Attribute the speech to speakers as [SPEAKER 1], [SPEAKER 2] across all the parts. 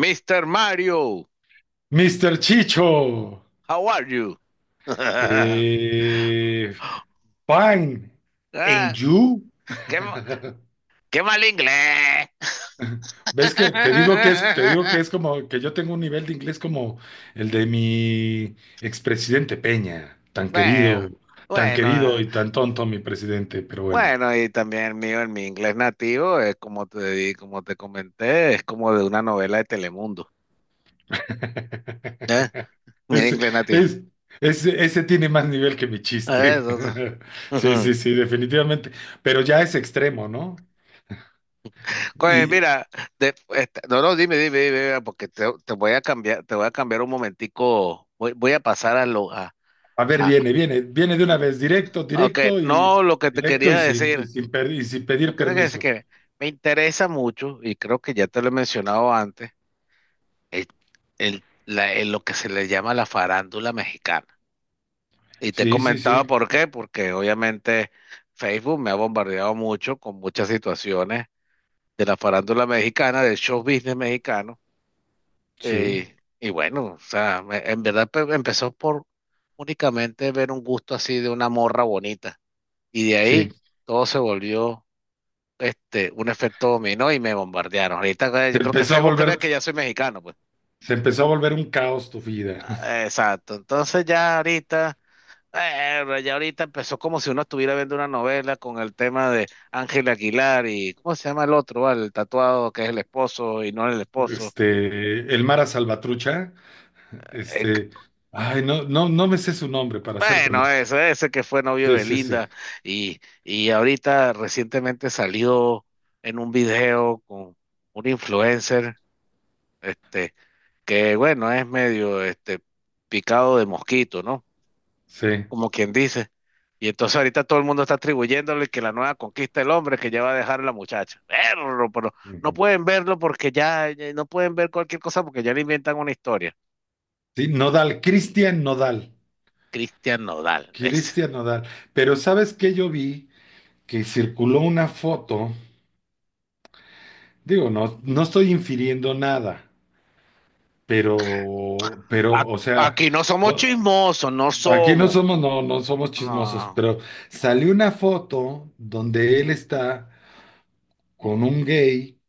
[SPEAKER 1] Mr. Mario,
[SPEAKER 2] Mr. Chicho.
[SPEAKER 1] how are you?
[SPEAKER 2] eh, Fine,
[SPEAKER 1] Ah,
[SPEAKER 2] and you.
[SPEAKER 1] qué, qué mal inglés.
[SPEAKER 2] ¿Ves que te digo que es, te digo que es como que yo tengo un nivel de inglés como el de mi expresidente Peña,
[SPEAKER 1] Bueno,
[SPEAKER 2] tan
[SPEAKER 1] bueno,
[SPEAKER 2] querido
[SPEAKER 1] eh,
[SPEAKER 2] y tan tonto mi presidente, pero bueno.
[SPEAKER 1] bueno, y también el mío, el mi inglés nativo, es como te di, como te comenté, es como de una novela de Telemundo. ¿Eh? Mi
[SPEAKER 2] Ese,
[SPEAKER 1] inglés nativo.
[SPEAKER 2] es- ese, ese tiene más nivel que mi
[SPEAKER 1] Eh,
[SPEAKER 2] chiste.
[SPEAKER 1] eso, eso.
[SPEAKER 2] Sí,
[SPEAKER 1] Ujú.
[SPEAKER 2] sí, sí, definitivamente. Pero ya es extremo, ¿no?
[SPEAKER 1] Oye,
[SPEAKER 2] Y
[SPEAKER 1] mira, de- este, no, no, dime, porque te voy a cambiar, te voy a cambiar un momentico, voy a pasar a lo,
[SPEAKER 2] a ver,
[SPEAKER 1] a,
[SPEAKER 2] viene, viene, viene de una vez, directo,
[SPEAKER 1] Ok,
[SPEAKER 2] directo y
[SPEAKER 1] no, lo que te
[SPEAKER 2] directo
[SPEAKER 1] quería decir,
[SPEAKER 2] y sin
[SPEAKER 1] lo
[SPEAKER 2] pedir
[SPEAKER 1] que te quería decir
[SPEAKER 2] permiso.
[SPEAKER 1] que me interesa mucho, y creo que ya te lo he mencionado antes, el, lo que se le llama la farándula mexicana. Y te
[SPEAKER 2] Sí, sí,
[SPEAKER 1] comentaba
[SPEAKER 2] sí,
[SPEAKER 1] por qué, porque obviamente Facebook me ha bombardeado mucho con muchas situaciones de la farándula mexicana, del show business mexicano.
[SPEAKER 2] sí,
[SPEAKER 1] Y bueno, o sea, en verdad empezó por únicamente ver un gusto así de una morra bonita. Y de
[SPEAKER 2] sí.
[SPEAKER 1] ahí todo se volvió un efecto dominó y me bombardearon. Ahorita yo
[SPEAKER 2] Se
[SPEAKER 1] creo que
[SPEAKER 2] empezó a
[SPEAKER 1] Facebook
[SPEAKER 2] volver,
[SPEAKER 1] cree que ya soy mexicano, pues.
[SPEAKER 2] se empezó a volver un caos tu vida.
[SPEAKER 1] Ah, exacto. Entonces ya ahorita empezó como si uno estuviera viendo una novela con el tema de Ángel Aguilar. ¿Y cómo se llama el otro? ¿Vale? El tatuado que es el esposo y no el esposo.
[SPEAKER 2] Este, el Mara Salvatrucha,
[SPEAKER 1] Eh, c-
[SPEAKER 2] este, ay, no, no, no me sé su nombre, para ser
[SPEAKER 1] bueno,
[SPEAKER 2] honesto.
[SPEAKER 1] ese que fue novio
[SPEAKER 2] Sí,
[SPEAKER 1] de
[SPEAKER 2] sí, sí,
[SPEAKER 1] Belinda y ahorita recientemente salió en un video con un influencer. Este, que bueno, es medio picado de mosquito, ¿no?
[SPEAKER 2] sí.
[SPEAKER 1] Como quien dice. Y entonces ahorita todo el mundo está atribuyéndole que la nueva conquista del hombre que ya va a dejar a la muchacha. Perro, pero no
[SPEAKER 2] Ujú.
[SPEAKER 1] pueden verlo porque ya no pueden ver cualquier cosa porque ya le inventan una historia.
[SPEAKER 2] Sí, Nodal, Cristian Nodal,
[SPEAKER 1] Cristian Nodal, ese.
[SPEAKER 2] Cristian Nodal. Pero ¿sabes qué yo vi? Que circuló una foto. Digo, no, no estoy infiriendo nada, pero,
[SPEAKER 1] A-
[SPEAKER 2] o sea,
[SPEAKER 1] Aquí no somos
[SPEAKER 2] o-
[SPEAKER 1] chismosos, no
[SPEAKER 2] aquí no
[SPEAKER 1] somos.
[SPEAKER 2] somos, no somos chismosos,
[SPEAKER 1] No.
[SPEAKER 2] pero salió una foto donde él está con un gay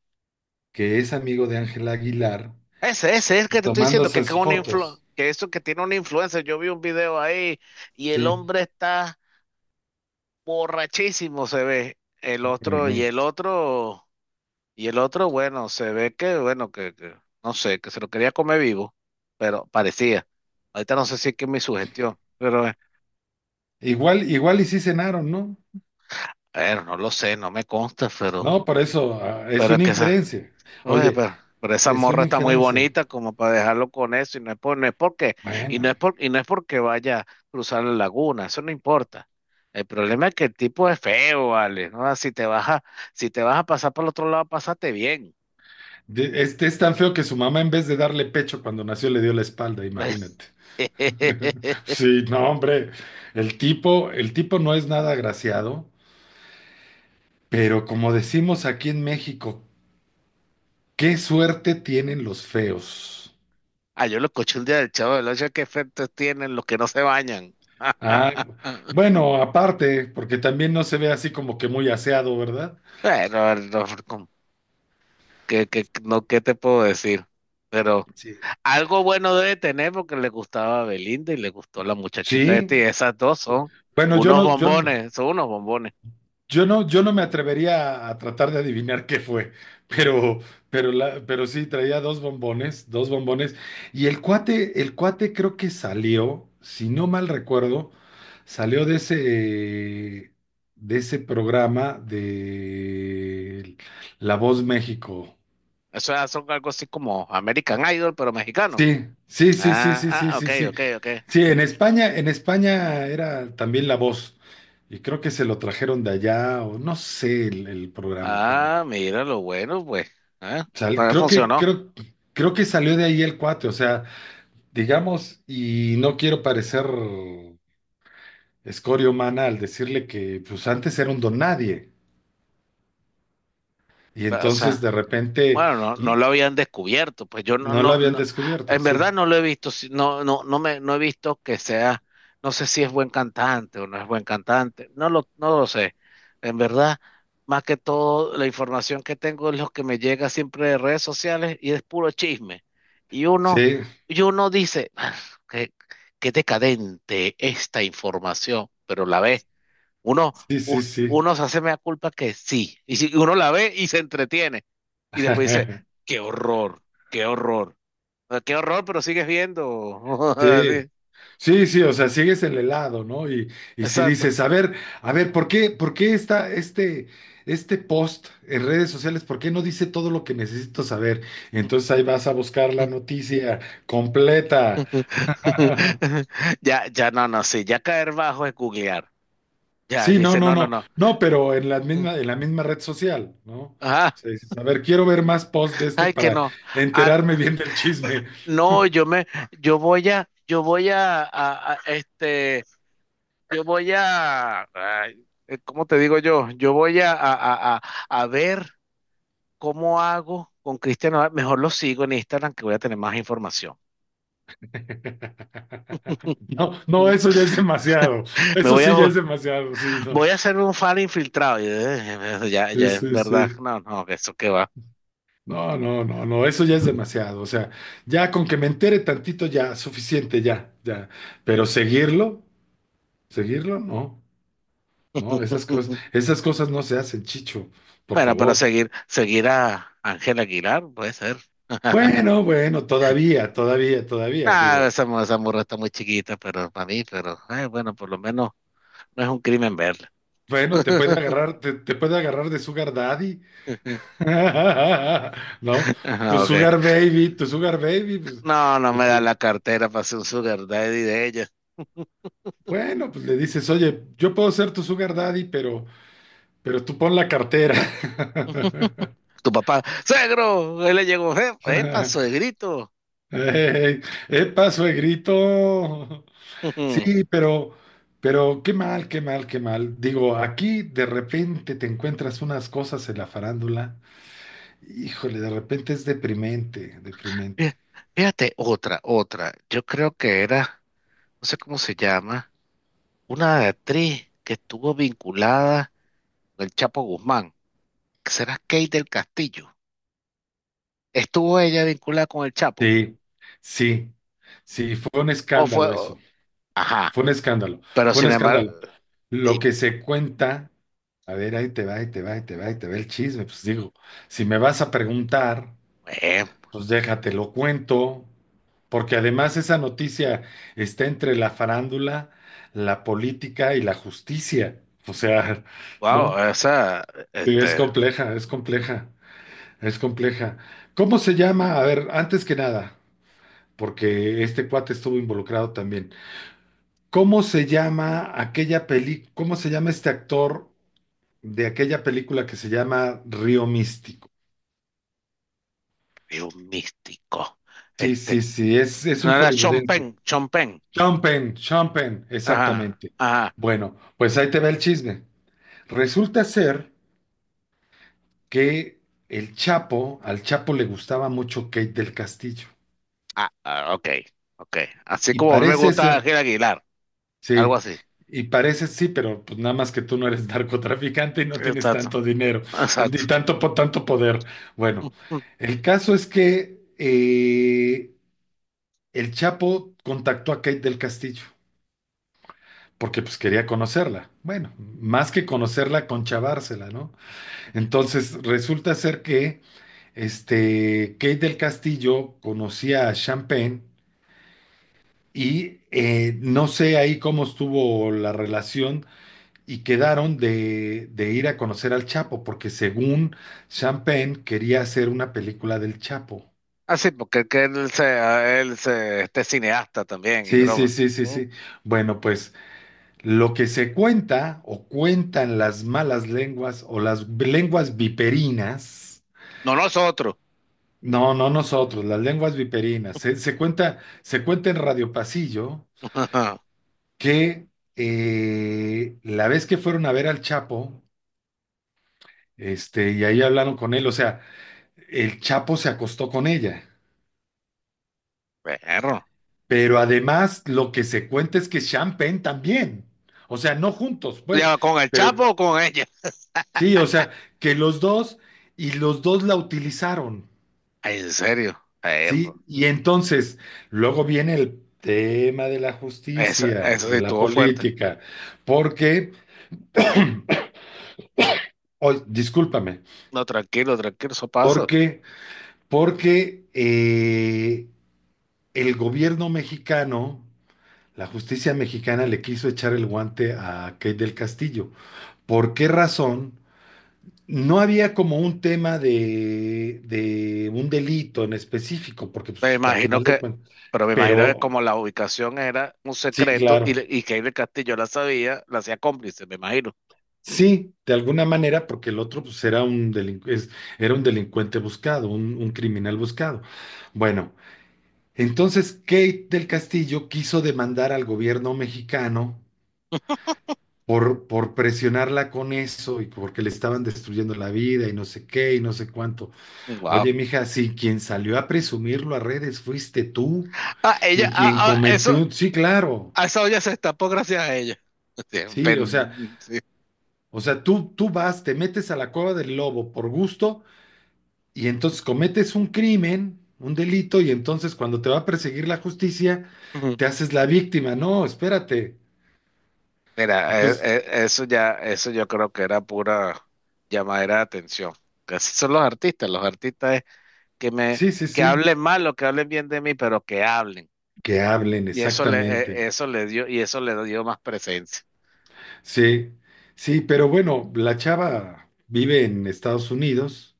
[SPEAKER 2] que es amigo de Ángela Aguilar
[SPEAKER 1] Ese es el que te estoy diciendo
[SPEAKER 2] tomándose sus
[SPEAKER 1] un
[SPEAKER 2] fotos,
[SPEAKER 1] que eso que tiene una influencia. Yo vi un video ahí y el
[SPEAKER 2] sí.
[SPEAKER 1] hombre está borrachísimo, se ve el otro y
[SPEAKER 2] Ujú.
[SPEAKER 1] el otro y el otro, bueno, se ve que, no sé, que se lo quería comer vivo, pero parecía. Ahorita no sé si es que es mi sugestión, pero
[SPEAKER 2] Igual, igual y sí cenaron, ¿no?
[SPEAKER 1] bueno, no lo sé, no me consta,
[SPEAKER 2] No, por eso, ah, es
[SPEAKER 1] pero es
[SPEAKER 2] una
[SPEAKER 1] que esa,
[SPEAKER 2] inferencia.
[SPEAKER 1] oye,
[SPEAKER 2] Oye,
[SPEAKER 1] pero esa
[SPEAKER 2] es
[SPEAKER 1] morra
[SPEAKER 2] una
[SPEAKER 1] está muy
[SPEAKER 2] inferencia.
[SPEAKER 1] bonita como para dejarlo con eso, y no es por, no es porque, y
[SPEAKER 2] Bueno.
[SPEAKER 1] no es por, y no es porque vaya a cruzar la laguna, eso no importa. El problema es que el tipo es feo, vale, ¿no? Si te vas a, si te vas a pasar por el otro lado, pásate bien.
[SPEAKER 2] Este es tan feo que su mamá, en vez de darle pecho cuando nació, le dio la espalda, imagínate. Sí, no, hombre. El tipo no es nada agraciado, pero como decimos aquí en México, qué suerte tienen los feos.
[SPEAKER 1] Ah, yo los cochuldes del Chavo del Ocho, ¿qué efectos tienen los que no se bañan?
[SPEAKER 2] Ah, bueno, aparte, porque también no se ve así como que muy aseado, ¿verdad?
[SPEAKER 1] Bueno, no, ¿qué, no, qué te puedo decir? Pero
[SPEAKER 2] Sí.
[SPEAKER 1] algo bueno debe tener porque le gustaba a Belinda y le gustó la muchachita esta,
[SPEAKER 2] Sí.
[SPEAKER 1] y esas dos son
[SPEAKER 2] Bueno, yo
[SPEAKER 1] unos
[SPEAKER 2] no, yo no.
[SPEAKER 1] bombones, son unos bombones.
[SPEAKER 2] Yo no, yo no me atrevería a tratar de adivinar qué fue, pero, pero sí, traía dos bombones, dos bombones. Y el cuate creo que salió, si no mal recuerdo, salió de ese programa de La Voz México.
[SPEAKER 1] Eso ya son algo así como American Idol, pero mexicano.
[SPEAKER 2] Sí, sí, sí, sí,
[SPEAKER 1] Ah,
[SPEAKER 2] sí, sí,
[SPEAKER 1] ah,
[SPEAKER 2] sí,
[SPEAKER 1] ok,
[SPEAKER 2] sí.
[SPEAKER 1] ok, ok.
[SPEAKER 2] Sí, en España era también La Voz. Y creo que se lo trajeron de allá, o no sé el programa, pero.
[SPEAKER 1] Ah, mira lo bueno, pues. Ah, pues
[SPEAKER 2] Creo que,
[SPEAKER 1] funcionó.
[SPEAKER 2] creo, creo que salió de ahí el cuate, o sea, digamos, y no quiero parecer escoria humana al decirle que pues antes era un don nadie, y
[SPEAKER 1] O
[SPEAKER 2] entonces
[SPEAKER 1] sea.
[SPEAKER 2] de repente,
[SPEAKER 1] Bueno, no, no
[SPEAKER 2] y
[SPEAKER 1] lo habían descubierto, pues yo no,
[SPEAKER 2] no lo
[SPEAKER 1] no,
[SPEAKER 2] habían
[SPEAKER 1] no,
[SPEAKER 2] descubierto,
[SPEAKER 1] en
[SPEAKER 2] sí,
[SPEAKER 1] verdad no lo he visto, no, no, no he visto que sea, no sé si es buen cantante o no es buen cantante, no lo sé. En verdad, más que todo, la información que tengo es lo que me llega siempre de redes sociales y es puro chisme. Y uno,
[SPEAKER 2] sí,
[SPEAKER 1] y uno dice, "Ah, qué, qué decadente esta información", pero la ves uno,
[SPEAKER 2] sí,
[SPEAKER 1] un-
[SPEAKER 2] sí, sí,
[SPEAKER 1] uno se hace mea culpa que sí. Y si uno la ve y se entretiene. Y después dice, qué horror, qué horror. Ah, qué horror, pero sigues viendo.
[SPEAKER 2] sí.
[SPEAKER 1] Así,
[SPEAKER 2] Sí, sí, o sea, sigues en el helado, ¿no? Y si
[SPEAKER 1] exacto.
[SPEAKER 2] dices, a ver, por qué está este, este post en redes sociales? ¿Por qué no dice todo lo que necesito saber? Entonces ahí vas a buscar la noticia completa.
[SPEAKER 1] Ya, ya, no, no, sí. Ya caer bajo es googlear. Ya,
[SPEAKER 2] Sí, no,
[SPEAKER 1] dice,
[SPEAKER 2] no,
[SPEAKER 1] no, no,
[SPEAKER 2] no,
[SPEAKER 1] no.
[SPEAKER 2] no, pero
[SPEAKER 1] Mm.
[SPEAKER 2] en la misma red social, ¿no? O
[SPEAKER 1] Ajá.
[SPEAKER 2] sea, dices, a ver, quiero ver más posts de este
[SPEAKER 1] Ay, que
[SPEAKER 2] para
[SPEAKER 1] no. Ah,
[SPEAKER 2] enterarme bien del chisme.
[SPEAKER 1] no, yo voy a, yo voy a, yo voy a, ay, ¿cómo te digo yo? Yo voy a, a ver cómo hago con Cristian Nodal. Mejor lo sigo en Instagram que voy a tener más información.
[SPEAKER 2] No, no, eso ya es demasiado.
[SPEAKER 1] Me
[SPEAKER 2] Eso
[SPEAKER 1] voy a,
[SPEAKER 2] sí ya es demasiado, sí, no.
[SPEAKER 1] voy a hacer un fan infiltrado. Y, ya,
[SPEAKER 2] Sí,
[SPEAKER 1] ya es
[SPEAKER 2] sí,
[SPEAKER 1] verdad.
[SPEAKER 2] sí.
[SPEAKER 1] No, no, que eso que va.
[SPEAKER 2] No, no, no, no, eso ya es demasiado. O sea, ya con que me entere tantito, ya, suficiente, ya, ya. Pero seguirlo, seguirlo, no, no, esas cosas no se hacen, Chicho, por
[SPEAKER 1] Bueno, pero
[SPEAKER 2] favor.
[SPEAKER 1] seguir a Ángel Aguilar, puede ser.
[SPEAKER 2] Bueno, bueno, todavía, todavía, todavía,
[SPEAKER 1] Ah,
[SPEAKER 2] digo,
[SPEAKER 1] esa, esa morra está muy chiquita, pero para mí, pero bueno, por lo menos no es un crimen verla.
[SPEAKER 2] bueno, te puede agarrar, te puede agarrar de Sugar Daddy, ¿no?
[SPEAKER 1] Ah, ok.
[SPEAKER 2] Tu Sugar Baby, pues,
[SPEAKER 1] No, no me da
[SPEAKER 2] este,
[SPEAKER 1] la cartera para ser un sugar daddy de ella.
[SPEAKER 2] bueno, pues le dices, oye, yo puedo ser tu Sugar Daddy, pero. Pero tú pon la cartera.
[SPEAKER 1] Tu papá, suegro, él le llegó, epa, suegrito."
[SPEAKER 2] Ey, ¡Epa, suegrito! Sí, pero qué mal, qué mal, qué mal. Digo, aquí de repente te encuentras unas cosas en la farándula. Híjole, de repente es deprimente,
[SPEAKER 1] Fí-
[SPEAKER 2] deprimente.
[SPEAKER 1] Fíjate, otra, otra. Yo creo que era, no sé cómo se llama, una actriz que estuvo vinculada con el Chapo Guzmán. ¿Será Kate del Castillo? ¿Estuvo ella vinculada con el Chapo?
[SPEAKER 2] Sí, sí, sí, fue un
[SPEAKER 1] ¿O fue?
[SPEAKER 2] escándalo eso.
[SPEAKER 1] Ajá,
[SPEAKER 2] Fue un escándalo,
[SPEAKER 1] pero
[SPEAKER 2] fue un
[SPEAKER 1] sin embargo,
[SPEAKER 2] escándalo. Lo
[SPEAKER 1] y,
[SPEAKER 2] que se cuenta, a ver, ahí te va, ahí te va, ahí te va, ahí te va el chisme. Pues digo, si me vas a preguntar.
[SPEAKER 1] eh,
[SPEAKER 2] Pues déjate, lo cuento, porque además esa noticia está entre la farándula, la política y la justicia. O sea,
[SPEAKER 1] wow,
[SPEAKER 2] ¿no?
[SPEAKER 1] esa,
[SPEAKER 2] Sí, es
[SPEAKER 1] este,
[SPEAKER 2] compleja, es compleja, es compleja. ¿Cómo se llama? A ver, antes que nada, porque este cuate estuvo involucrado también. ¿Cómo se llama aquella peli, cómo se llama este actor de aquella película que se llama Río Místico?
[SPEAKER 1] es un místico.
[SPEAKER 2] Sí, sí,
[SPEAKER 1] Este,
[SPEAKER 2] sí, es
[SPEAKER 1] no
[SPEAKER 2] un
[SPEAKER 1] era
[SPEAKER 2] hollywoodense.
[SPEAKER 1] Chompen, Chompen.
[SPEAKER 2] Sean Penn,
[SPEAKER 1] Ajá,
[SPEAKER 2] exactamente.
[SPEAKER 1] ajá.
[SPEAKER 2] Bueno, pues ahí te va el chisme. Resulta ser que el Chapo, al Chapo le gustaba mucho Kate del Castillo.
[SPEAKER 1] Ah, ah, ok, ok. Así
[SPEAKER 2] Y
[SPEAKER 1] como a mí me
[SPEAKER 2] parece
[SPEAKER 1] gusta
[SPEAKER 2] ser,
[SPEAKER 1] Ángel Aguilar, algo
[SPEAKER 2] sí,
[SPEAKER 1] así.
[SPEAKER 2] y parece sí, pero pues nada más que tú no eres narcotraficante y no tienes
[SPEAKER 1] Exacto,
[SPEAKER 2] tanto dinero,
[SPEAKER 1] exacto.
[SPEAKER 2] ni tanto poder. Bueno,
[SPEAKER 1] Ujú,
[SPEAKER 2] el caso es que el Chapo contactó a Kate del Castillo, porque pues quería conocerla. Bueno, más que conocerla, conchavársela, ¿no?
[SPEAKER 1] ujú.
[SPEAKER 2] Entonces, resulta ser que este, Kate del Castillo conocía a Champagne y no sé ahí cómo estuvo la relación y quedaron de ir a conocer al Chapo, porque según Champagne quería hacer una película del Chapo.
[SPEAKER 1] Ah sí, porque que él se, a él se, este cineasta también y
[SPEAKER 2] Sí, sí,
[SPEAKER 1] broma.
[SPEAKER 2] sí, sí,
[SPEAKER 1] Mm.
[SPEAKER 2] sí. Bueno, pues lo que se cuenta o cuentan las malas lenguas o las lenguas viperinas.
[SPEAKER 1] No nosotros.
[SPEAKER 2] No, no nosotros, las lenguas viperinas. Se, se cuenta en Radio Pasillo que la vez que fueron a ver al Chapo, este, y ahí hablaron con él, o sea, el Chapo se acostó con ella.
[SPEAKER 1] Perro.
[SPEAKER 2] Pero además lo que se cuenta es que Sean Penn también. O sea, no juntos, pues,
[SPEAKER 1] ¿Ya con el
[SPEAKER 2] pero
[SPEAKER 1] Chapo o con ella?
[SPEAKER 2] sí, o sea, que los dos y los dos la utilizaron.
[SPEAKER 1] Ay, en serio. Perro.
[SPEAKER 2] Sí, y entonces luego viene el tema de la
[SPEAKER 1] Eso,
[SPEAKER 2] justicia,
[SPEAKER 1] eso sí
[SPEAKER 2] de la
[SPEAKER 1] estuvo fuerte.
[SPEAKER 2] política, porque, oy, discúlpame,
[SPEAKER 1] No, tranquilo, tranquilo, eso pasa.
[SPEAKER 2] porque, porque el gobierno mexicano, la justicia mexicana le quiso echar el guante a Kate del Castillo. ¿Por qué razón? No había como un tema de un delito en específico, porque
[SPEAKER 1] Me
[SPEAKER 2] pues, a
[SPEAKER 1] imagino
[SPEAKER 2] final de
[SPEAKER 1] que,
[SPEAKER 2] cuentas,
[SPEAKER 1] pero me imagino que
[SPEAKER 2] pero
[SPEAKER 1] como la ubicación era un
[SPEAKER 2] sí,
[SPEAKER 1] secreto y,
[SPEAKER 2] claro.
[SPEAKER 1] y que Iker Castillo la sabía, la hacía cómplice, me imagino.
[SPEAKER 2] Sí, de alguna manera, porque el otro pues, era un era un delincuente buscado, un criminal buscado. Bueno, entonces Kate del Castillo quiso demandar al gobierno mexicano por presionarla con eso y porque le estaban destruyendo la vida y no sé qué y no sé cuánto.
[SPEAKER 1] Wow.
[SPEAKER 2] Oye, mija, si quien salió a presumirlo a redes fuiste tú
[SPEAKER 1] Ah, ella,
[SPEAKER 2] y quien
[SPEAKER 1] ah, ah, eso,
[SPEAKER 2] cometió, sí, claro,
[SPEAKER 1] a esa olla se destapó gracias a ella. Sí,
[SPEAKER 2] sí,
[SPEAKER 1] sí.
[SPEAKER 2] o sea, tú vas, te metes a la cueva del lobo por gusto. Y entonces cometes un crimen, un delito, y entonces cuando te va a perseguir la justicia,
[SPEAKER 1] Ujú.
[SPEAKER 2] te haces la víctima. No, espérate.
[SPEAKER 1] Mira,
[SPEAKER 2] Entonces,
[SPEAKER 1] eso ya, eso yo creo que era pura llamadera de atención. Que así son los artistas es que me,
[SPEAKER 2] sí, sí,
[SPEAKER 1] que
[SPEAKER 2] sí,
[SPEAKER 1] hablen mal o que hablen bien de mí, pero que hablen.
[SPEAKER 2] que hablen
[SPEAKER 1] Y
[SPEAKER 2] exactamente.
[SPEAKER 1] eso le dio, y eso le dio más presencia.
[SPEAKER 2] Sí, sí, pero bueno, la chava vive en Estados Unidos,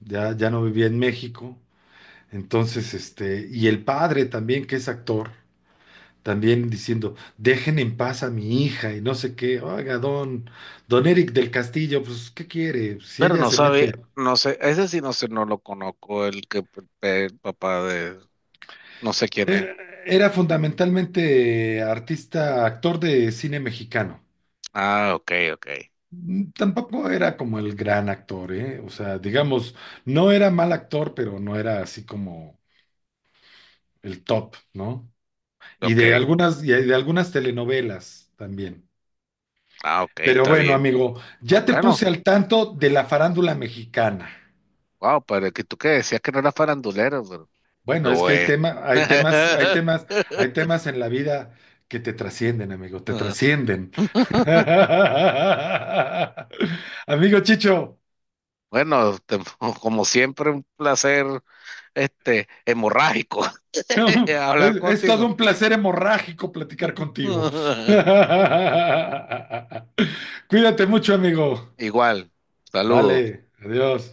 [SPEAKER 2] ya, ya no vivía en México. Entonces, este, y el padre también, que es actor, también diciendo, dejen en paz a mi hija y no sé qué. Oiga, don, don Eric del Castillo, pues, ¿qué quiere? Si
[SPEAKER 1] Pero
[SPEAKER 2] ella
[SPEAKER 1] no
[SPEAKER 2] se
[SPEAKER 1] sabe,
[SPEAKER 2] mete.
[SPEAKER 1] no sé, ese sí no sé, no lo conozco, el que el papá de, no sé quién es.
[SPEAKER 2] Eh, Era fundamentalmente artista, actor de cine mexicano.
[SPEAKER 1] Ah, ok, ok,
[SPEAKER 2] Mm, tampoco era como el gran actor, ¿eh? O sea, digamos, no era mal actor, pero no era así como el top, ¿no?
[SPEAKER 1] ok,
[SPEAKER 2] Y de algunas telenovelas también.
[SPEAKER 1] ah, ok,
[SPEAKER 2] Pero
[SPEAKER 1] está
[SPEAKER 2] bueno,
[SPEAKER 1] bien.
[SPEAKER 2] amigo, ya te
[SPEAKER 1] Bueno,
[SPEAKER 2] puse al tanto de la farándula mexicana.
[SPEAKER 1] wow, pero que tú que decías que no era farandulero, pero
[SPEAKER 2] Bueno, es
[SPEAKER 1] lo
[SPEAKER 2] que hay
[SPEAKER 1] es.
[SPEAKER 2] tema, hay temas, hay temas, hay temas en la vida que te trascienden, amigo, te
[SPEAKER 1] Ajá.
[SPEAKER 2] trascienden. Amigo Chicho,
[SPEAKER 1] Bueno, como siempre, un placer, este, hemorrágico, hablar
[SPEAKER 2] es todo
[SPEAKER 1] contigo.
[SPEAKER 2] un placer hemorrágico platicar contigo. Cuídate mucho, amigo.
[SPEAKER 1] Igual, saludos.
[SPEAKER 2] Vale, adiós.